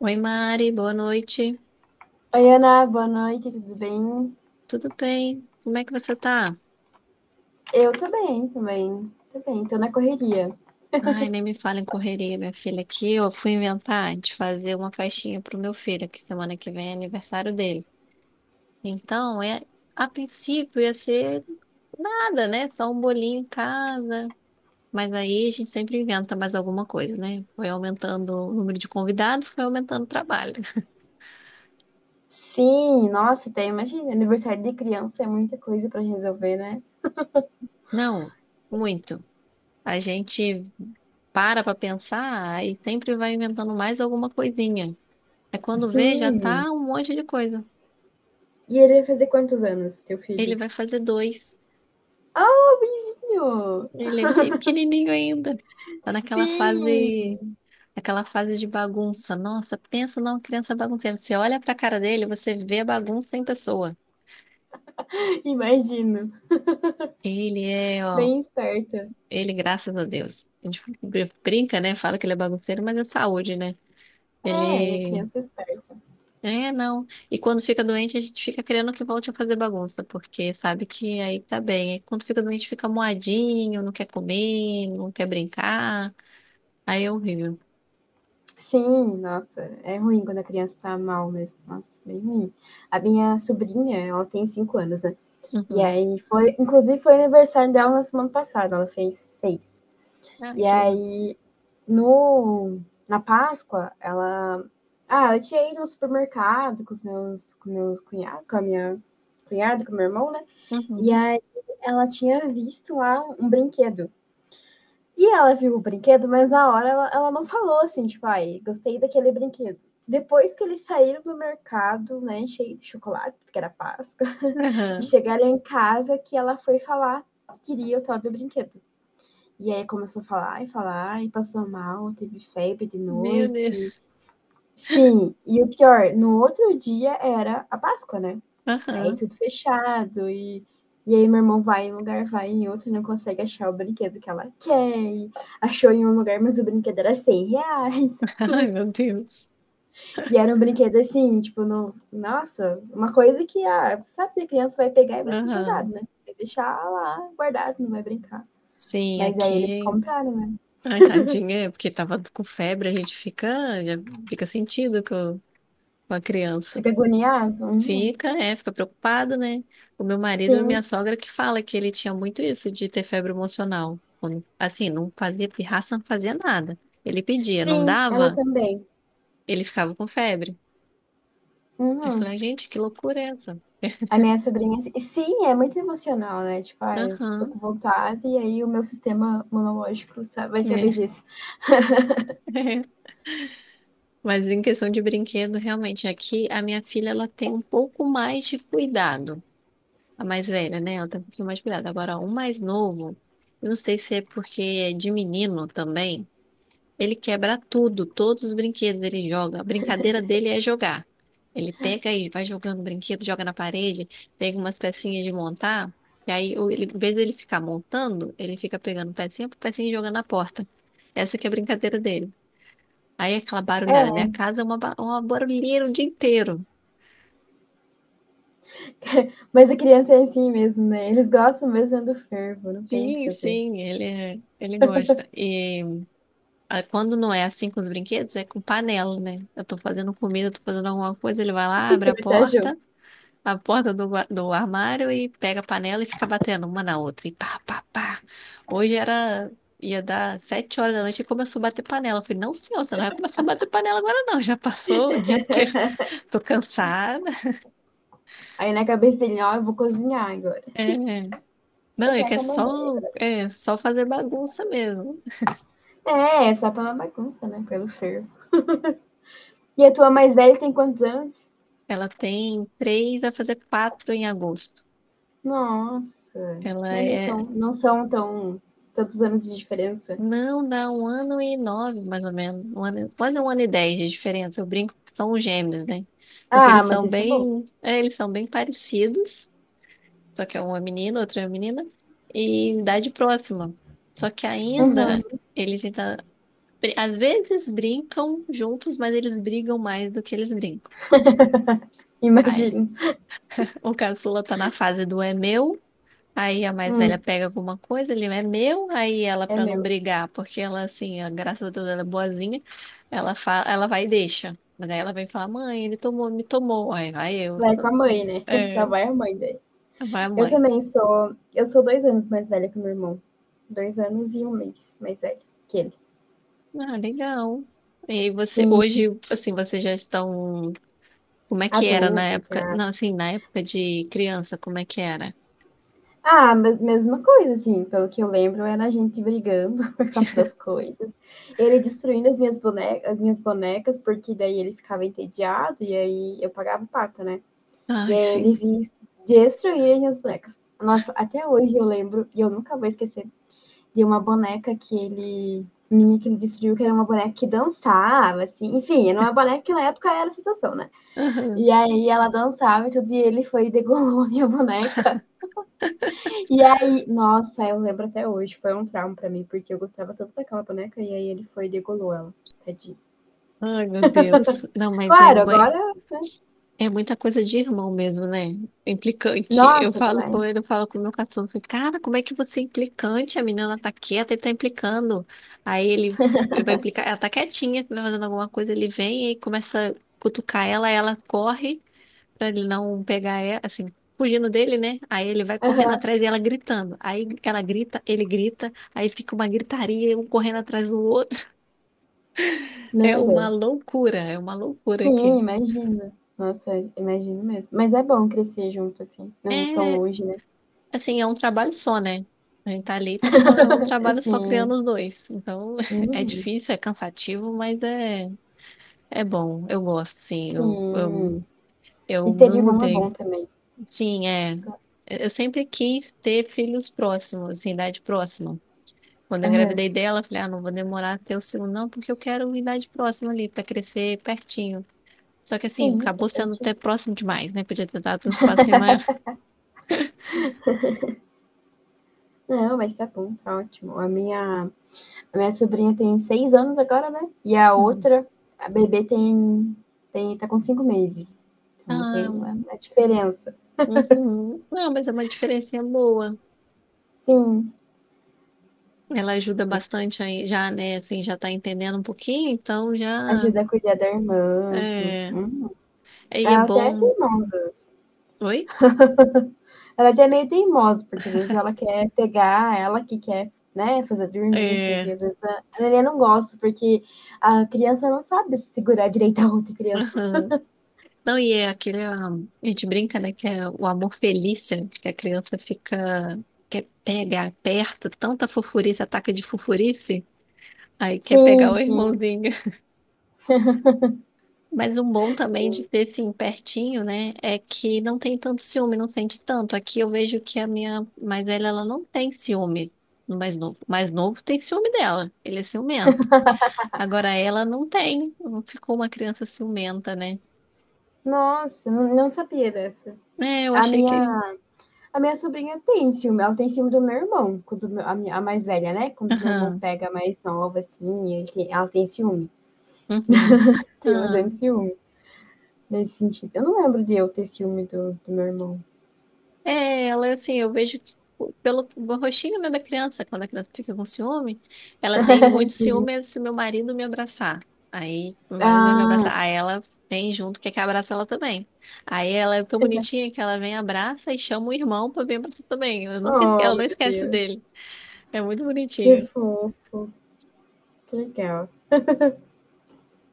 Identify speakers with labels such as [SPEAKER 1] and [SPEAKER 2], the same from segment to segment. [SPEAKER 1] Oi, Mari, boa noite.
[SPEAKER 2] Oi, Ana, boa noite, tudo bem?
[SPEAKER 1] Tudo bem? Como é que você tá?
[SPEAKER 2] Eu tô bem também, tô bem, tô na correria.
[SPEAKER 1] Ai, nem me fala em correria, minha filha, aqui eu fui inventar de fazer uma festinha pro meu filho, que semana que vem é aniversário dele. Então, a princípio ia ser nada, né? Só um bolinho em casa. Mas aí a gente sempre inventa mais alguma coisa, né? Foi aumentando o número de convidados, foi aumentando o trabalho.
[SPEAKER 2] Sim, nossa, até imagina, aniversário de criança é muita coisa pra resolver, né?
[SPEAKER 1] Não, muito. A gente para pra pensar e sempre vai inventando mais alguma coisinha. É quando vê, já
[SPEAKER 2] Sim.
[SPEAKER 1] tá um monte de coisa.
[SPEAKER 2] E ele vai fazer quantos anos, teu
[SPEAKER 1] Ele
[SPEAKER 2] filho?
[SPEAKER 1] vai fazer dois.
[SPEAKER 2] Ah, o vizinho!
[SPEAKER 1] Ele é bem pequenininho ainda. Tá
[SPEAKER 2] Sim,
[SPEAKER 1] naquela fase de bagunça. Nossa, pensa numa criança bagunceira. Você olha pra cara dele, você vê a bagunça em pessoa.
[SPEAKER 2] imagino,
[SPEAKER 1] Ele é, ó,
[SPEAKER 2] bem esperta.
[SPEAKER 1] ele, graças a Deus. A gente brinca, né? Fala que ele é bagunceiro, mas é saúde, né?
[SPEAKER 2] É, e a
[SPEAKER 1] Ele
[SPEAKER 2] criança é esperta.
[SPEAKER 1] É, não. E quando fica doente, a gente fica querendo que volte a fazer bagunça, porque sabe que aí tá bem. Aí quando fica doente, fica moadinho, não quer comer, não quer brincar. Aí é horrível.
[SPEAKER 2] Sim, nossa, é ruim quando a criança tá mal mesmo. Nossa, bem ruim. A minha sobrinha, ela tem 5 anos, né? E
[SPEAKER 1] Uhum.
[SPEAKER 2] aí foi, inclusive foi aniversário dela na semana passada, ela fez seis.
[SPEAKER 1] Ai,
[SPEAKER 2] E
[SPEAKER 1] que legal.
[SPEAKER 2] aí no na Páscoa, ela tinha ido no supermercado com os meus com meu cunhado, com a minha cunhada, com o meu irmão, né? E
[SPEAKER 1] Uhum.
[SPEAKER 2] aí ela tinha visto lá um brinquedo. E ela viu o brinquedo, mas na hora ela não falou assim, tipo, ai, gostei daquele brinquedo. Depois que eles saíram do mercado, né, cheio de chocolate, porque era Páscoa, e
[SPEAKER 1] Aham.
[SPEAKER 2] chegaram em casa que ela foi falar que queria o tal do brinquedo. E aí começou a falar e falar, e passou mal, teve febre de
[SPEAKER 1] Meu
[SPEAKER 2] noite.
[SPEAKER 1] Deus.
[SPEAKER 2] Sim, e o pior, no outro dia era a Páscoa, né? Aí
[SPEAKER 1] Aham.
[SPEAKER 2] tudo fechado, e aí meu irmão vai em um lugar, vai em outro, não consegue achar o brinquedo que ela quer. E achou em um lugar, mas o brinquedo era R$ 100.
[SPEAKER 1] Ai, meu Deus.
[SPEAKER 2] E era um brinquedo assim, tipo, no... nossa, uma coisa que você sabe que a criança vai pegar e vai ter jogado,
[SPEAKER 1] Aham.
[SPEAKER 2] né? Vai deixar lá guardado, não vai brincar.
[SPEAKER 1] Sim,
[SPEAKER 2] Mas aí eles
[SPEAKER 1] aqui.
[SPEAKER 2] compraram, né?
[SPEAKER 1] Ai, tadinha, é porque tava com febre, a gente fica, já fica sentido com a criança.
[SPEAKER 2] Fica agoniado? Uhum.
[SPEAKER 1] Fica, é, fica preocupado, né? O meu marido e minha
[SPEAKER 2] Sim,
[SPEAKER 1] sogra que fala que ele tinha muito isso de ter febre emocional. Assim, não fazia pirraça, não fazia nada. Ele pedia, não
[SPEAKER 2] sim, ela
[SPEAKER 1] dava,
[SPEAKER 2] também.
[SPEAKER 1] ele ficava com febre. Aí eu
[SPEAKER 2] Uhum.
[SPEAKER 1] falei, gente, que loucura é essa?
[SPEAKER 2] A minha sobrinha, assim, e sim, é muito emocional, né? Tipo, eu tô
[SPEAKER 1] Aham,
[SPEAKER 2] com vontade e aí o meu sistema monológico vai
[SPEAKER 1] né?
[SPEAKER 2] saber disso.
[SPEAKER 1] Mas em questão de brinquedo, realmente, aqui a minha filha ela tem um pouco mais de cuidado. A mais velha, né? Ela tem um pouquinho mais de cuidado. Agora, o mais novo, eu não sei se é porque é de menino também. Ele quebra tudo, todos os brinquedos ele joga. A brincadeira dele é jogar. Ele pega e vai jogando o brinquedo, joga na parede, pega umas pecinhas de montar, e aí, ele, em vez dele ficar montando, ele fica pegando pecinha por pecinha e jogando na porta. Essa que é a brincadeira dele. Aí é aquela
[SPEAKER 2] É,
[SPEAKER 1] barulhada. Minha casa é uma barulheira o dia inteiro.
[SPEAKER 2] mas a criança é assim mesmo, né? Eles gostam mesmo do fervo, não tem o que
[SPEAKER 1] Sim,
[SPEAKER 2] fazer.
[SPEAKER 1] sim, ele gosta. E quando não é assim com os brinquedos, é com panela, né? Eu tô fazendo comida, tô fazendo alguma coisa, ele vai lá, abre a
[SPEAKER 2] Ele tá
[SPEAKER 1] porta.
[SPEAKER 2] junto.
[SPEAKER 1] Do armário e pega a panela e fica batendo uma na outra. E pá, pá, pá. Hoje era. Ia dar 7 horas da noite e começou a bater panela. Eu falei, não, senhor, você não vai começar a bater panela agora, não. Já passou o dia inteiro. Tô cansada.
[SPEAKER 2] Aí na cabeça dele, ó, eu vou cozinhar agora.
[SPEAKER 1] É. Não, é
[SPEAKER 2] Você é
[SPEAKER 1] que
[SPEAKER 2] como a mãe.
[SPEAKER 1] é só fazer bagunça mesmo.
[SPEAKER 2] É, só pela bagunça, né? Pelo fervo. E a tua mais velha tem quantos anos?
[SPEAKER 1] Ela tem três a fazer quatro em agosto.
[SPEAKER 2] Nossa.
[SPEAKER 1] Ela
[SPEAKER 2] Eles são,
[SPEAKER 1] é
[SPEAKER 2] não são tão tantos anos de diferença.
[SPEAKER 1] Não, dá um ano e nove, mais ou menos. Um ano, quase um ano e dez de diferença. Eu brinco que são gêmeos, né? Porque
[SPEAKER 2] Ah,
[SPEAKER 1] eles
[SPEAKER 2] mas
[SPEAKER 1] são
[SPEAKER 2] isso é bom.
[SPEAKER 1] bem parecidos, só que um é menino, outro é menina, e em idade próxima. Só que ainda
[SPEAKER 2] Uhum.
[SPEAKER 1] eles ainda, br- às vezes brincam juntos, mas eles brigam mais do que eles brincam. Ai,
[SPEAKER 2] Imagino.
[SPEAKER 1] o caçula tá na fase do é meu. Aí a mais velha
[SPEAKER 2] Hum,
[SPEAKER 1] pega alguma coisa, ele é meu, aí ela,
[SPEAKER 2] é
[SPEAKER 1] pra não
[SPEAKER 2] meu.
[SPEAKER 1] brigar, porque graças a Deus, ela é boazinha, ela fala, ela vai e deixa. Mas aí ela vem falar, mãe, ele tomou, me tomou. Aí vai eu,
[SPEAKER 2] Vai com a mãe, né? Lá
[SPEAKER 1] é,
[SPEAKER 2] vai a mãe daí.
[SPEAKER 1] vai a
[SPEAKER 2] Eu
[SPEAKER 1] mãe.
[SPEAKER 2] também sou. Eu sou 2 anos mais velha que o meu irmão. 2 anos e 1 mês mais velho que ele.
[SPEAKER 1] Ah, legal. E aí você,
[SPEAKER 2] Sim,
[SPEAKER 1] hoje, assim, vocês já estão, como é que era na
[SPEAKER 2] adultos
[SPEAKER 1] época?
[SPEAKER 2] já.
[SPEAKER 1] Não, assim, na época de criança, como é que era?
[SPEAKER 2] Ah, mesma coisa, assim, pelo que eu lembro, era a gente brigando por causa das coisas. Ele destruindo as minhas bonecas, porque daí ele ficava entediado e aí eu pagava o pato, né? E
[SPEAKER 1] Ai,
[SPEAKER 2] aí
[SPEAKER 1] sim.
[SPEAKER 2] ele vinha destruir as minhas bonecas. Nossa, até hoje eu lembro, e eu nunca vou esquecer, de uma boneca que ele destruiu, que era uma boneca que dançava, assim, enfim, era uma boneca que na época era a sensação, né? E aí ela dançava e tudo, e ele foi e degolou a minha boneca. E aí, nossa, eu lembro até hoje, foi um trauma pra mim, porque eu gostava tanto daquela boneca e aí ele foi e degolou ela. Tadinho.
[SPEAKER 1] Aham. Ai, meu Deus. Não, mas
[SPEAKER 2] Claro, agora.
[SPEAKER 1] é muita coisa de irmão mesmo, né? É implicante. Eu
[SPEAKER 2] Nossa,
[SPEAKER 1] falo
[SPEAKER 2] demais.
[SPEAKER 1] com ele, eu falo com o meu cachorro. Cara, como é que você é implicante? A menina tá quieta e tá implicando. Aí ele vai implicar. Ela tá quietinha, vai fazendo alguma coisa, ele vem e começa a cutucar ela, ela corre pra ele não pegar ela, assim, fugindo dele, né? Aí ele vai correndo
[SPEAKER 2] Aham.
[SPEAKER 1] atrás e ela gritando. Aí ela grita, ele grita, aí fica uma gritaria, um correndo atrás do outro.
[SPEAKER 2] Meu Deus.
[SPEAKER 1] É uma loucura
[SPEAKER 2] Sim,
[SPEAKER 1] aqui.
[SPEAKER 2] imagina. Nossa, imagino mesmo. Mas é bom crescer junto, assim, não tão
[SPEAKER 1] É
[SPEAKER 2] longe, né?
[SPEAKER 1] Assim, é um trabalho só, né? A gente tá ali, e tá fazendo um trabalho só criando
[SPEAKER 2] Sim.
[SPEAKER 1] os dois. Então, é
[SPEAKER 2] Uhum.
[SPEAKER 1] difícil, é cansativo, mas é bom. Eu gosto, sim. Eu, eu,
[SPEAKER 2] Sim. E
[SPEAKER 1] eu
[SPEAKER 2] ter
[SPEAKER 1] me
[SPEAKER 2] irmão é
[SPEAKER 1] mudei.
[SPEAKER 2] bom também.
[SPEAKER 1] Sim, é.
[SPEAKER 2] Eu gosto.
[SPEAKER 1] Eu sempre quis ter filhos próximos, assim, idade próxima. Quando eu
[SPEAKER 2] Aham.
[SPEAKER 1] engravidei dela, eu falei, ah, não vou demorar até o segundo, não, porque eu quero idade próxima ali, pra crescer pertinho. Só que assim,
[SPEAKER 2] Sim, tá
[SPEAKER 1] acabou sendo até
[SPEAKER 2] certíssimo.
[SPEAKER 1] próximo demais, né? Podia ter dado um espacinho maior.
[SPEAKER 2] Não, mas tá bom, tá ótimo. A minha sobrinha tem 6 anos agora, né? E a
[SPEAKER 1] Uhum.
[SPEAKER 2] outra, a bebê tem, tem tá com 5 meses. Então tem
[SPEAKER 1] Ah,
[SPEAKER 2] uma diferença.
[SPEAKER 1] uhum. Não, mas é uma diferencinha boa.
[SPEAKER 2] Sim.
[SPEAKER 1] Ela ajuda bastante aí, já, né? Assim, já tá entendendo um pouquinho, então já.
[SPEAKER 2] Ajuda a cuidar da irmã, tudo.
[SPEAKER 1] É,
[SPEAKER 2] Hum.
[SPEAKER 1] e é
[SPEAKER 2] Ela até é
[SPEAKER 1] bom.
[SPEAKER 2] teimosa.
[SPEAKER 1] Oi?
[SPEAKER 2] Ela até é meio teimosa, porque às vezes ela quer pegar, ela que quer, né, fazer dormir, tudo.
[SPEAKER 1] É.
[SPEAKER 2] E às vezes a neném não gosta, porque a criança não sabe segurar direito a outra criança.
[SPEAKER 1] Aham. Não, e é a gente brinca, né? Que é o amor felício, que a criança fica. Quer pegar, aperta, tanta fofurice, ataque de fofurice, aí quer pegar
[SPEAKER 2] Sim,
[SPEAKER 1] o
[SPEAKER 2] sim.
[SPEAKER 1] irmãozinho. Mas um bom também de ter, assim, pertinho, né, é que não tem tanto ciúme, não sente tanto. Aqui eu vejo que a minha mais velha, ela não tem ciúme no mais novo. O mais novo tem ciúme dela, ele é ciumento. Agora ela não tem, não ficou uma criança ciumenta, né?
[SPEAKER 2] Nossa, não, não sabia dessa.
[SPEAKER 1] É, eu
[SPEAKER 2] A
[SPEAKER 1] achei
[SPEAKER 2] minha
[SPEAKER 1] que...
[SPEAKER 2] A minha sobrinha tem ciúme, ela tem ciúme do meu irmão, quando a mais velha, né? Quando meu irmão
[SPEAKER 1] Aham,
[SPEAKER 2] pega a mais nova, assim, ela tem ciúme.
[SPEAKER 1] uhum,
[SPEAKER 2] Tem
[SPEAKER 1] ah.
[SPEAKER 2] bastante ciúme nesse sentido. Eu não lembro de eu ter ciúme do meu irmão.
[SPEAKER 1] É, ela assim, eu vejo que pelo rostinho, né, da criança, quando a criança fica com ciúme, ela tem muito
[SPEAKER 2] Assim,
[SPEAKER 1] ciúme se meu marido me abraçar. Aí meu marido vai me
[SPEAKER 2] ah,
[SPEAKER 1] abraçar, aí ela vem junto, quer que abraça ela também. Aí ela é tão bonitinha que ela vem, abraça e chama o irmão pra vir abraçar também. Eu nunca esque...
[SPEAKER 2] oh,
[SPEAKER 1] Ela não
[SPEAKER 2] meu
[SPEAKER 1] esquece
[SPEAKER 2] Deus,
[SPEAKER 1] dele. É muito
[SPEAKER 2] que
[SPEAKER 1] bonitinha.
[SPEAKER 2] fofo, que legal.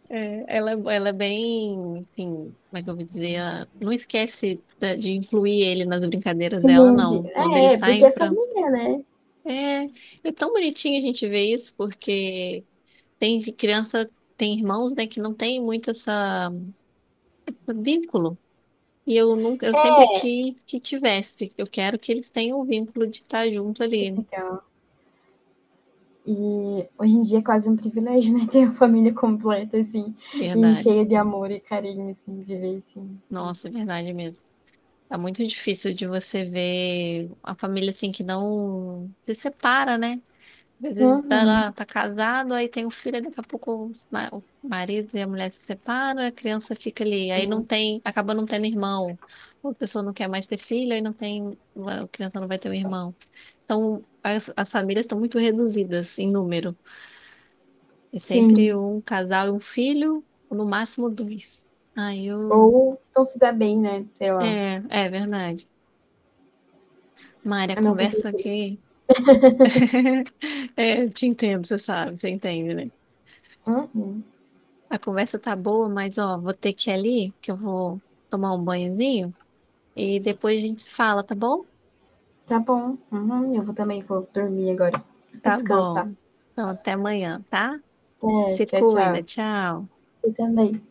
[SPEAKER 1] É, ela é bem, assim, como é que eu vou dizer? Ela não esquece da- de incluir ele nas brincadeiras
[SPEAKER 2] Sim,
[SPEAKER 1] dela, não. Quando eles
[SPEAKER 2] é, porque
[SPEAKER 1] saem
[SPEAKER 2] é
[SPEAKER 1] pra
[SPEAKER 2] família, né?
[SPEAKER 1] É, é tão bonitinho a gente ver isso, porque tem de criança, tem irmãos, né, que não tem muito essa, esse vínculo. E eu nunca, eu sempre quis que tivesse. Eu quero que eles tenham o vínculo de estar junto
[SPEAKER 2] Que
[SPEAKER 1] ali.
[SPEAKER 2] legal. E hoje em dia é quase um privilégio, né? Ter uma família completa, assim, e
[SPEAKER 1] Verdade.
[SPEAKER 2] cheia de amor e carinho, assim, viver assim.
[SPEAKER 1] Nossa, é verdade mesmo. Tá muito difícil de você ver a família assim que não se separa, né? Às vezes tá
[SPEAKER 2] Uhum,
[SPEAKER 1] lá, tá casado, aí tem um filho, aí daqui a pouco o marido e a mulher se separam, a criança fica ali, aí não
[SPEAKER 2] sim.
[SPEAKER 1] tem, acaba não tendo irmão. Ou a pessoa não quer mais ter filho, aí não tem, a criança não vai ter um irmão. Então, as famílias estão muito reduzidas em número. É sempre
[SPEAKER 2] Sim,
[SPEAKER 1] um casal e um filho, ou no máximo dois. Aí eu.
[SPEAKER 2] ou não se dá bem, né, sei lá.
[SPEAKER 1] É, é verdade. Mária, a
[SPEAKER 2] Eu não passei
[SPEAKER 1] conversa
[SPEAKER 2] por isso.
[SPEAKER 1] aqui. É, eu te entendo, você sabe, você entende, né?
[SPEAKER 2] Uhum.
[SPEAKER 1] A conversa tá boa, mas ó, vou ter que ir ali, que eu vou tomar um banhozinho e depois a gente se fala, tá bom?
[SPEAKER 2] Tá bom, uhum, eu vou também vou dormir agora.
[SPEAKER 1] Tá
[SPEAKER 2] Descansar.
[SPEAKER 1] bom. Então até amanhã, tá?
[SPEAKER 2] É,
[SPEAKER 1] Se
[SPEAKER 2] tchau,
[SPEAKER 1] cuida,
[SPEAKER 2] tchau.
[SPEAKER 1] tchau.
[SPEAKER 2] Você também.